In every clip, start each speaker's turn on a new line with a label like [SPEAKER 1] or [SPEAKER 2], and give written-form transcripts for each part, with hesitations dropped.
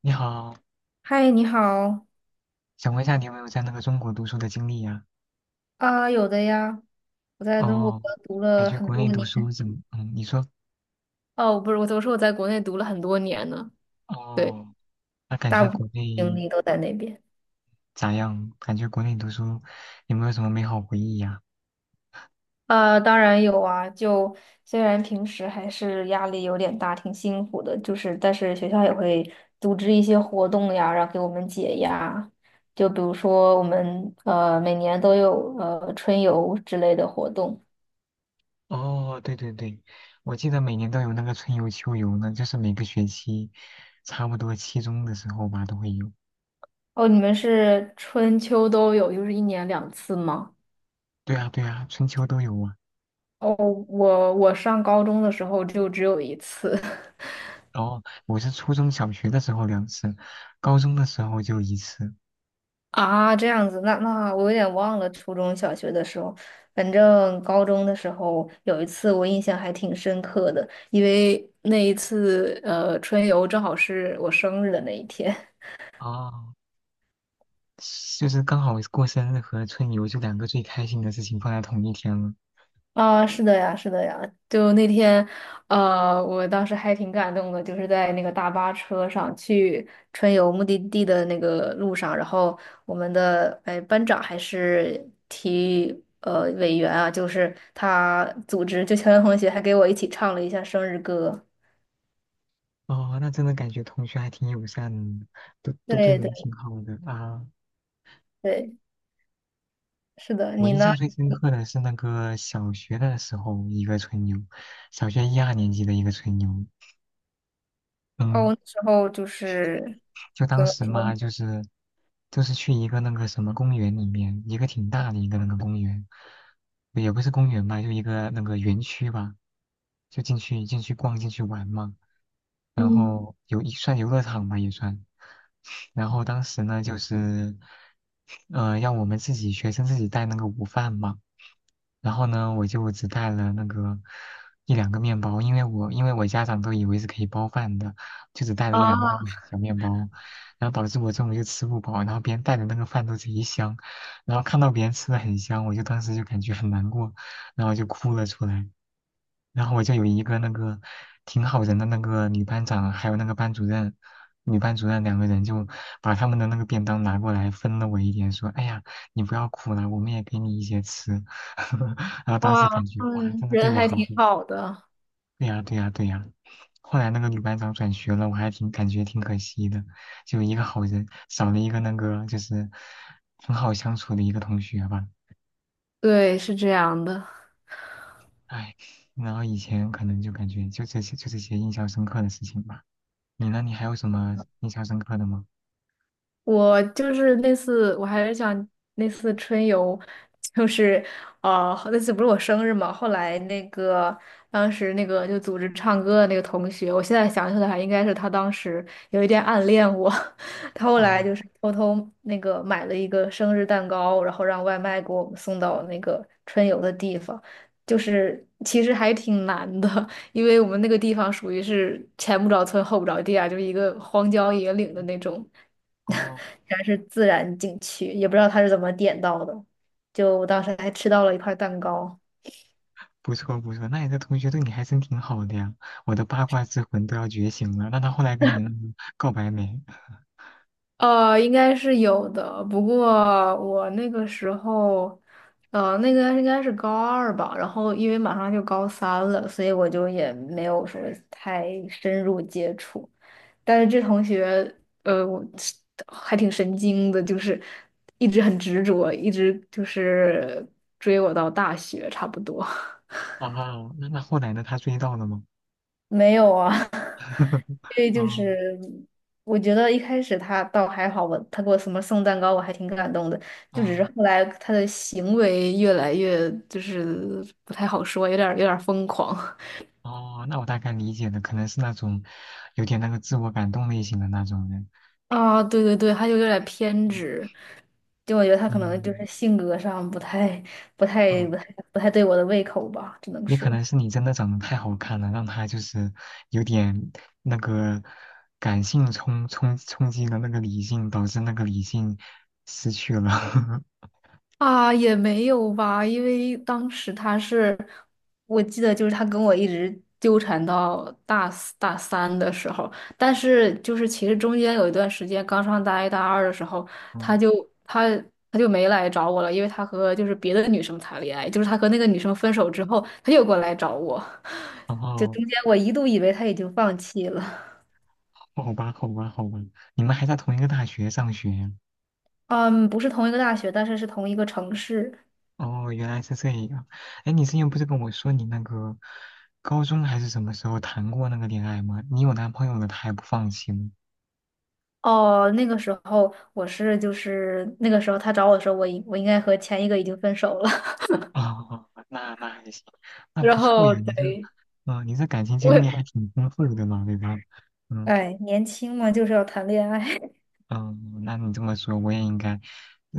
[SPEAKER 1] 你好，
[SPEAKER 2] 嗨，你好
[SPEAKER 1] 想问一下你有没有在那个中国读书的经历呀、
[SPEAKER 2] 啊。有的呀，我在中国
[SPEAKER 1] 哦，
[SPEAKER 2] 读
[SPEAKER 1] 感
[SPEAKER 2] 了
[SPEAKER 1] 觉
[SPEAKER 2] 很
[SPEAKER 1] 国
[SPEAKER 2] 多
[SPEAKER 1] 内读
[SPEAKER 2] 年。
[SPEAKER 1] 书怎么？嗯，你说。
[SPEAKER 2] 哦，不是，我说我在国内读了很多年呢。对，
[SPEAKER 1] 哦，那感
[SPEAKER 2] 大
[SPEAKER 1] 觉
[SPEAKER 2] 部分
[SPEAKER 1] 国
[SPEAKER 2] 精
[SPEAKER 1] 内
[SPEAKER 2] 力都在那边。
[SPEAKER 1] 咋样？感觉国内读书有没有什么美好回忆呀、
[SPEAKER 2] 当然有啊，就虽然平时还是压力有点大，挺辛苦的，就是但是学校也会组织一些活动呀，然后给我们解压。就比如说我们每年都有春游之类的活动。
[SPEAKER 1] 哦，对对对，我记得每年都有那个春游秋游呢，就是每个学期差不多期中的时候吧都会有。
[SPEAKER 2] 哦，你们是春秋都有，就是一年两次吗？
[SPEAKER 1] 对啊对啊，春秋都有啊。
[SPEAKER 2] 哦，我上高中的时候就只有一次
[SPEAKER 1] 然后我是初中小学的时候两次，高中的时候就一次。
[SPEAKER 2] 啊，这样子，那我有点忘了初中小学的时候。反正高中的时候有一次我印象还挺深刻的，因为那一次春游正好是我生日的那一天。
[SPEAKER 1] 哦，就是刚好过生日和春游就两个最开心的事情放在同一天了。
[SPEAKER 2] 啊，是的呀，是的呀。就那天，我当时还挺感动的，就是在那个大巴车上去春游目的地的那个路上，然后我们的班长还是体育委员啊，就是他组织，就乔洋同学还给我一起唱了一下生日歌。
[SPEAKER 1] 哦，那真的感觉同学还挺友善的，都对
[SPEAKER 2] 对对
[SPEAKER 1] 人挺好的啊。
[SPEAKER 2] 对，是的，
[SPEAKER 1] 我
[SPEAKER 2] 你
[SPEAKER 1] 印
[SPEAKER 2] 呢？
[SPEAKER 1] 象最深刻的是那个小学的时候一个春游，小学一二年级的一个春游。
[SPEAKER 2] 哦，
[SPEAKER 1] 嗯，
[SPEAKER 2] 我那时候就是
[SPEAKER 1] 就
[SPEAKER 2] 怎
[SPEAKER 1] 当
[SPEAKER 2] 么
[SPEAKER 1] 时嘛，
[SPEAKER 2] 说？
[SPEAKER 1] 就是去一个那个什么公园里面，一个挺大的一个那个公园，也不是公园吧，就一个那个园区吧，就进去逛进去玩嘛。然
[SPEAKER 2] 嗯
[SPEAKER 1] 后有一算游乐场吧也算。然后当时呢，就是，让我们自己学生自己带那个午饭嘛。然后呢，我就只带了那个一两个面包，因为我家长都以为是可以包饭的，就只带了
[SPEAKER 2] 啊
[SPEAKER 1] 一两个那个小面包，然后导致我中午就吃不饱，然后别人带的那个饭都贼香，然后看到别人吃的很香，我就当时就感觉很难过，然后就哭了出来。然后我就有一个那个挺好人的那个女班长，还有那个班主任，女班主任两个人就把他们的那个便当拿过来分了我一点，说：“哎呀，你不要哭了，我们也给你一些吃。” 然后当时感
[SPEAKER 2] 哇。
[SPEAKER 1] 觉哇，
[SPEAKER 2] 嗯，
[SPEAKER 1] 真的对
[SPEAKER 2] 人
[SPEAKER 1] 我
[SPEAKER 2] 还
[SPEAKER 1] 好好。
[SPEAKER 2] 挺好的。
[SPEAKER 1] 对呀，对呀，对呀。后来那个女班长转学了，我还挺感觉挺可惜的，就一个好人少了一个那个就是很好相处的一个同学吧。
[SPEAKER 2] 对，是这样的。
[SPEAKER 1] 哎，然后以前可能就感觉就这些印象深刻的事情吧。你呢？你还有什么印象深刻的吗？
[SPEAKER 2] 我就是那次，我还是想那次春游。就是那次不是我生日嘛，后来那个当时那个就组织唱歌的那个同学，我现在想起来还应该是他当时有一点暗恋我。他后来
[SPEAKER 1] 哦
[SPEAKER 2] 就是偷偷那个买了一个生日蛋糕，然后让外卖给我们送到那个春游的地方，就是其实还挺难的。因为我们那个地方属于是前不着村后不着店啊，就是一个荒郊野岭的那种。
[SPEAKER 1] 哦，
[SPEAKER 2] 然是自然景区，也不知道他是怎么点到的。就我当时还吃到了一块蛋糕。
[SPEAKER 1] 不错不错，那你的同学对你还真挺好的呀。我的八卦之魂都要觉醒了。那他后来跟你那个告白没？
[SPEAKER 2] 应该是有的，不过我那个时候，那个应该是高二吧，然后因为马上就高三了，所以我就也没有说太深入接触。但是这同学，我是还挺神经的，就是一直很执着，一直就是追我到大学差不多。
[SPEAKER 1] 哦，那那后来呢？他追到了吗？
[SPEAKER 2] 没有啊。因为就
[SPEAKER 1] 哦
[SPEAKER 2] 是我觉得一开始他倒还好，我他给我什么送蛋糕，我还挺感动的。就只是
[SPEAKER 1] 哦
[SPEAKER 2] 后来他的行为越来越就是不太好说，有点儿疯狂。
[SPEAKER 1] 哦，那我大概理解了，可能是那种有点那个自我感动类型的那种人。
[SPEAKER 2] 啊，对对对，他就有点儿偏执。就我觉得他可能就
[SPEAKER 1] 嗯
[SPEAKER 2] 是性格上不太
[SPEAKER 1] 嗯。
[SPEAKER 2] 不太不太对我的胃口吧，只能
[SPEAKER 1] 也可
[SPEAKER 2] 说。
[SPEAKER 1] 能是你真的长得太好看了，让他就是有点那个感性冲击了那个理性，导致那个理性失去了。
[SPEAKER 2] 啊，也没有吧，因为当时他是，我记得就是他跟我一直纠缠到大四大三的时候，但是就是其实中间有一段时间，刚上大一大二的时候，他
[SPEAKER 1] 嗯，
[SPEAKER 2] 就他他就没来找我了，因为他和就是别的女生谈恋爱，就是他和那个女生分手之后，他又过来找我。
[SPEAKER 1] 然
[SPEAKER 2] 就
[SPEAKER 1] 后
[SPEAKER 2] 中间我一度以为他已经放弃了。
[SPEAKER 1] 哦好吧，好吧，好吧，你们还在同一个大学上学
[SPEAKER 2] 嗯，不是同一个大学，但是是同一个城市。
[SPEAKER 1] 哦，原来是这样。哎，你之前不是跟我说你那个高中还是什么时候谈过那个恋爱吗？你有男朋友了，他还不放心？
[SPEAKER 2] 哦，那个时候我是就是那个时候他找我的时候，我应该和前一个已经分手了。
[SPEAKER 1] 哦，那那还行，那不
[SPEAKER 2] 然
[SPEAKER 1] 错
[SPEAKER 2] 后
[SPEAKER 1] 呀，你这，
[SPEAKER 2] 对。
[SPEAKER 1] 呃，你这感情经历还
[SPEAKER 2] 我
[SPEAKER 1] 挺丰富的嘛，对吧？嗯
[SPEAKER 2] 哎，年轻嘛，就是要谈恋爱。
[SPEAKER 1] 嗯，那你这么说，我也应该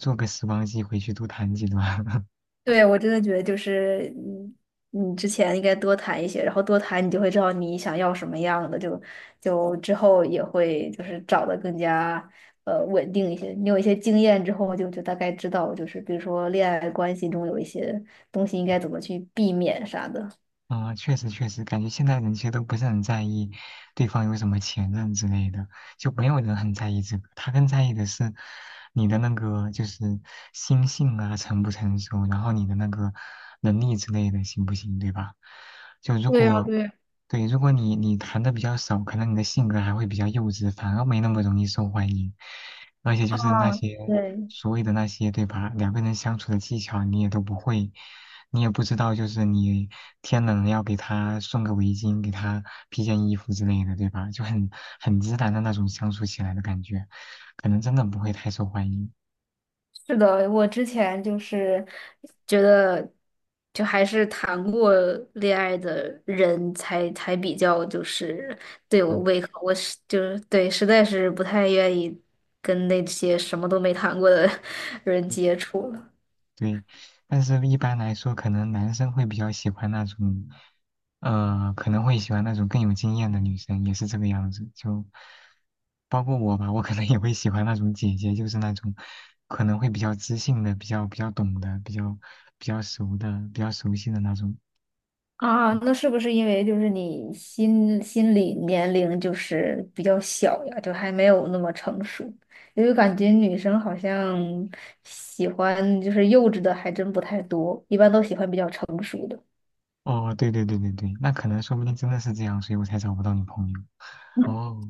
[SPEAKER 1] 做个时光机回去多谈几段。
[SPEAKER 2] 对，我真的觉得就是你之前应该多谈一些，然后多谈你就会知道你想要什么样的，就之后也会就是找的更加稳定一些。你有一些经验之后，就大概知道，就是比如说恋爱关系中有一些东西应该怎么去避免啥的。
[SPEAKER 1] 啊、确实确实，感觉现在人其实都不是很在意对方有什么前任之类的，就没有人很在意这个。他更在意的是你的那个就是心性啊成不成熟，然后你的那个能力之类的行不行，对吧？就如
[SPEAKER 2] 对呀，
[SPEAKER 1] 果
[SPEAKER 2] 对呀。
[SPEAKER 1] 对，如果你谈的比较少，可能你的性格还会比较幼稚，反而没那么容易受欢迎。而且就是那些
[SPEAKER 2] 对，
[SPEAKER 1] 所谓的那些，对吧？两个人相处的技巧你也都不会，你也不知道，就是你天冷要给他送个围巾，给他披件衣服之类的，对吧？就很自然的那种相处起来的感觉，可能真的不会太受欢迎。
[SPEAKER 2] 是的，我之前就是觉得，就还是谈过恋爱的人才比较就是对我
[SPEAKER 1] 嗯，
[SPEAKER 2] 胃口，我是就是对，实在是不太愿意跟那些什么都没谈过的 人接触了。
[SPEAKER 1] 对。但是一般来说，可能男生会比较喜欢那种，可能会喜欢那种更有经验的女生，也是这个样子。就包括我吧，我可能也会喜欢那种姐姐，就是那种可能会比较知性的、比较懂的、比较熟的、比较熟悉的那种。
[SPEAKER 2] 啊，那是不是因为就是你心理年龄就是比较小呀，就还没有那么成熟？因为感觉女生好像喜欢就是幼稚的还真不太多，一般都喜欢比较成熟的。
[SPEAKER 1] 哦，对对对对对，那可能说不定真的是这样，所以我才找不到女朋友。哦，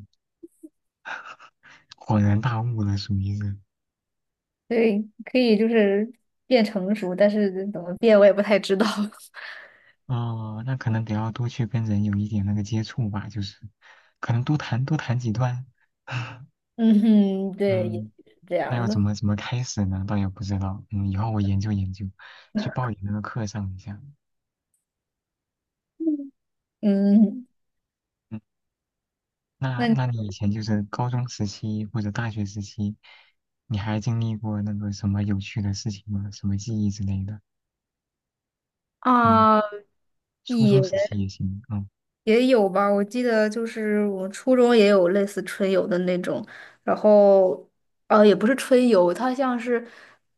[SPEAKER 1] 恍然大悟了，属于是。
[SPEAKER 2] 对，可以就是变成熟，但是怎么变我也不太知道。
[SPEAKER 1] 哦，那可能得要多去跟人有一点那个接触吧，就是可能多谈几段。
[SPEAKER 2] 嗯哼，对，也
[SPEAKER 1] 嗯，
[SPEAKER 2] 许是这
[SPEAKER 1] 那
[SPEAKER 2] 样
[SPEAKER 1] 要怎
[SPEAKER 2] 的。
[SPEAKER 1] 么怎么开始呢？倒也不知道。嗯，以后我研究研究，去报你那个课上一下。
[SPEAKER 2] 嗯，
[SPEAKER 1] 嗯，那
[SPEAKER 2] 那你
[SPEAKER 1] 那你以前就是高中时期或者大学时期，你还经历过那个什么有趣的事情吗？什么记忆之类的？嗯，
[SPEAKER 2] 啊
[SPEAKER 1] 初
[SPEAKER 2] 也。
[SPEAKER 1] 中时期也行。嗯。
[SPEAKER 2] 也有吧，我记得就是我初中也有类似春游的那种，然后也不是春游，它像是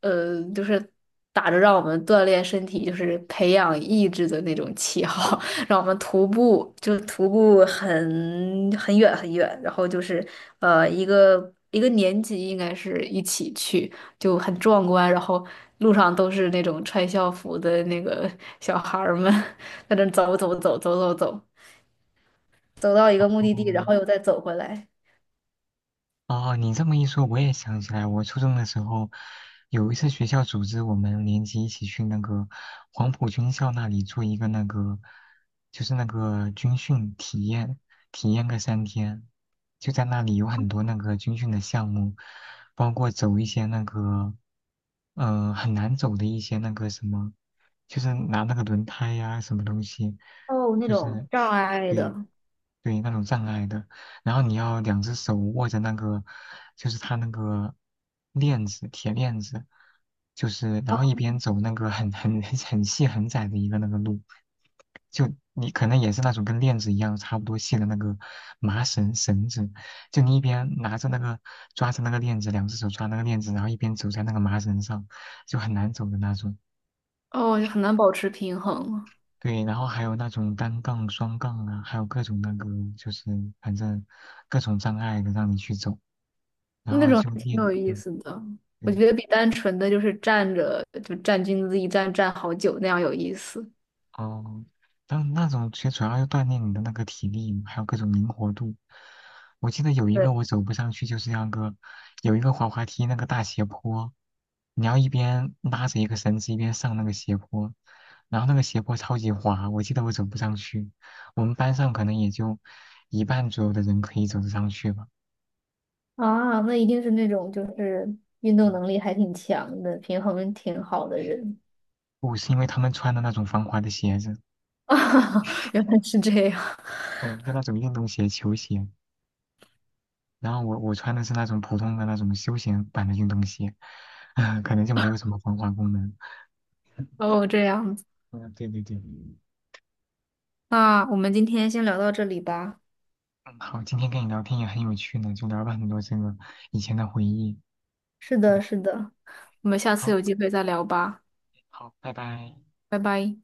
[SPEAKER 2] 就是打着让我们锻炼身体，就是培养意志的那种旗号，让我们徒步，就是徒步很远很远，然后就是一个年级应该是一起去，就很壮观，然后路上都是那种穿校服的那个小孩儿们 在那走走走走走走。走到一个目的地，然
[SPEAKER 1] 哦，
[SPEAKER 2] 后又再走回来。
[SPEAKER 1] 哦，你这么一说，我也想起来，我初中的时候有一次学校组织我们年级一起去那个黄埔军校那里做一个那个，就是那个军训体验，体验个三天，就在那里有很多那个军训的项目，包括走一些那个，嗯、很难走的一些那个什么，就是拿那个轮胎呀、什么东西，
[SPEAKER 2] 哦，那
[SPEAKER 1] 就
[SPEAKER 2] 种
[SPEAKER 1] 是
[SPEAKER 2] 障 碍
[SPEAKER 1] 对
[SPEAKER 2] 的。
[SPEAKER 1] 对那种障碍的。然后你要两只手握着那个，就是它那个链子，铁链子，就是然后一边走那个很 很细很窄的一个那个路，就你可能也是那种跟链子一样差不多细的那个麻绳绳子，就你一边拿着那个抓着那个链子，两只手抓那个链子，然后一边走在那个麻绳上，就很难走的那种。
[SPEAKER 2] 哦，很难保持平衡。
[SPEAKER 1] 对，然后还有那种单杠、双杠啊，还有各种那个，就是反正各种障碍的让你去走。然
[SPEAKER 2] 那
[SPEAKER 1] 后
[SPEAKER 2] 种
[SPEAKER 1] 就
[SPEAKER 2] 还挺
[SPEAKER 1] 练，
[SPEAKER 2] 有意
[SPEAKER 1] 嗯，
[SPEAKER 2] 思的。我
[SPEAKER 1] 对，
[SPEAKER 2] 觉得比单纯的就是站着就站军姿一站站好久那样有意思。
[SPEAKER 1] 哦，当那种其实主要是锻炼你的那个体力，还有各种灵活度。我记得有一
[SPEAKER 2] 对
[SPEAKER 1] 个我走不上去，就是那个有一个滑滑梯那个大斜坡，你要一边拉着一个绳子一边上那个斜坡，然后那个斜坡超级滑，我记得我走不上去。我们班上可能也就一半左右的人可以走得上去吧。
[SPEAKER 2] 啊，那一定是那种就是运动能力还挺强的，平衡挺好的人。
[SPEAKER 1] 不是因为他们穿的那种防滑的鞋子，
[SPEAKER 2] 啊，原来是这样。
[SPEAKER 1] 嗯，就那种运动鞋、球鞋。然后我穿的是那种普通的那种休闲版的运动鞋，可能就没有什么防滑功能。
[SPEAKER 2] 哦，这样子。
[SPEAKER 1] 嗯，对对对，
[SPEAKER 2] 那我们今天先聊到这里吧。
[SPEAKER 1] 嗯，好，今天跟你聊天也很有趣呢，就聊了很多这个以前的回忆。
[SPEAKER 2] 是的，是的，我们下次
[SPEAKER 1] 好，
[SPEAKER 2] 有机会再聊吧。
[SPEAKER 1] 好，拜拜。
[SPEAKER 2] 拜拜。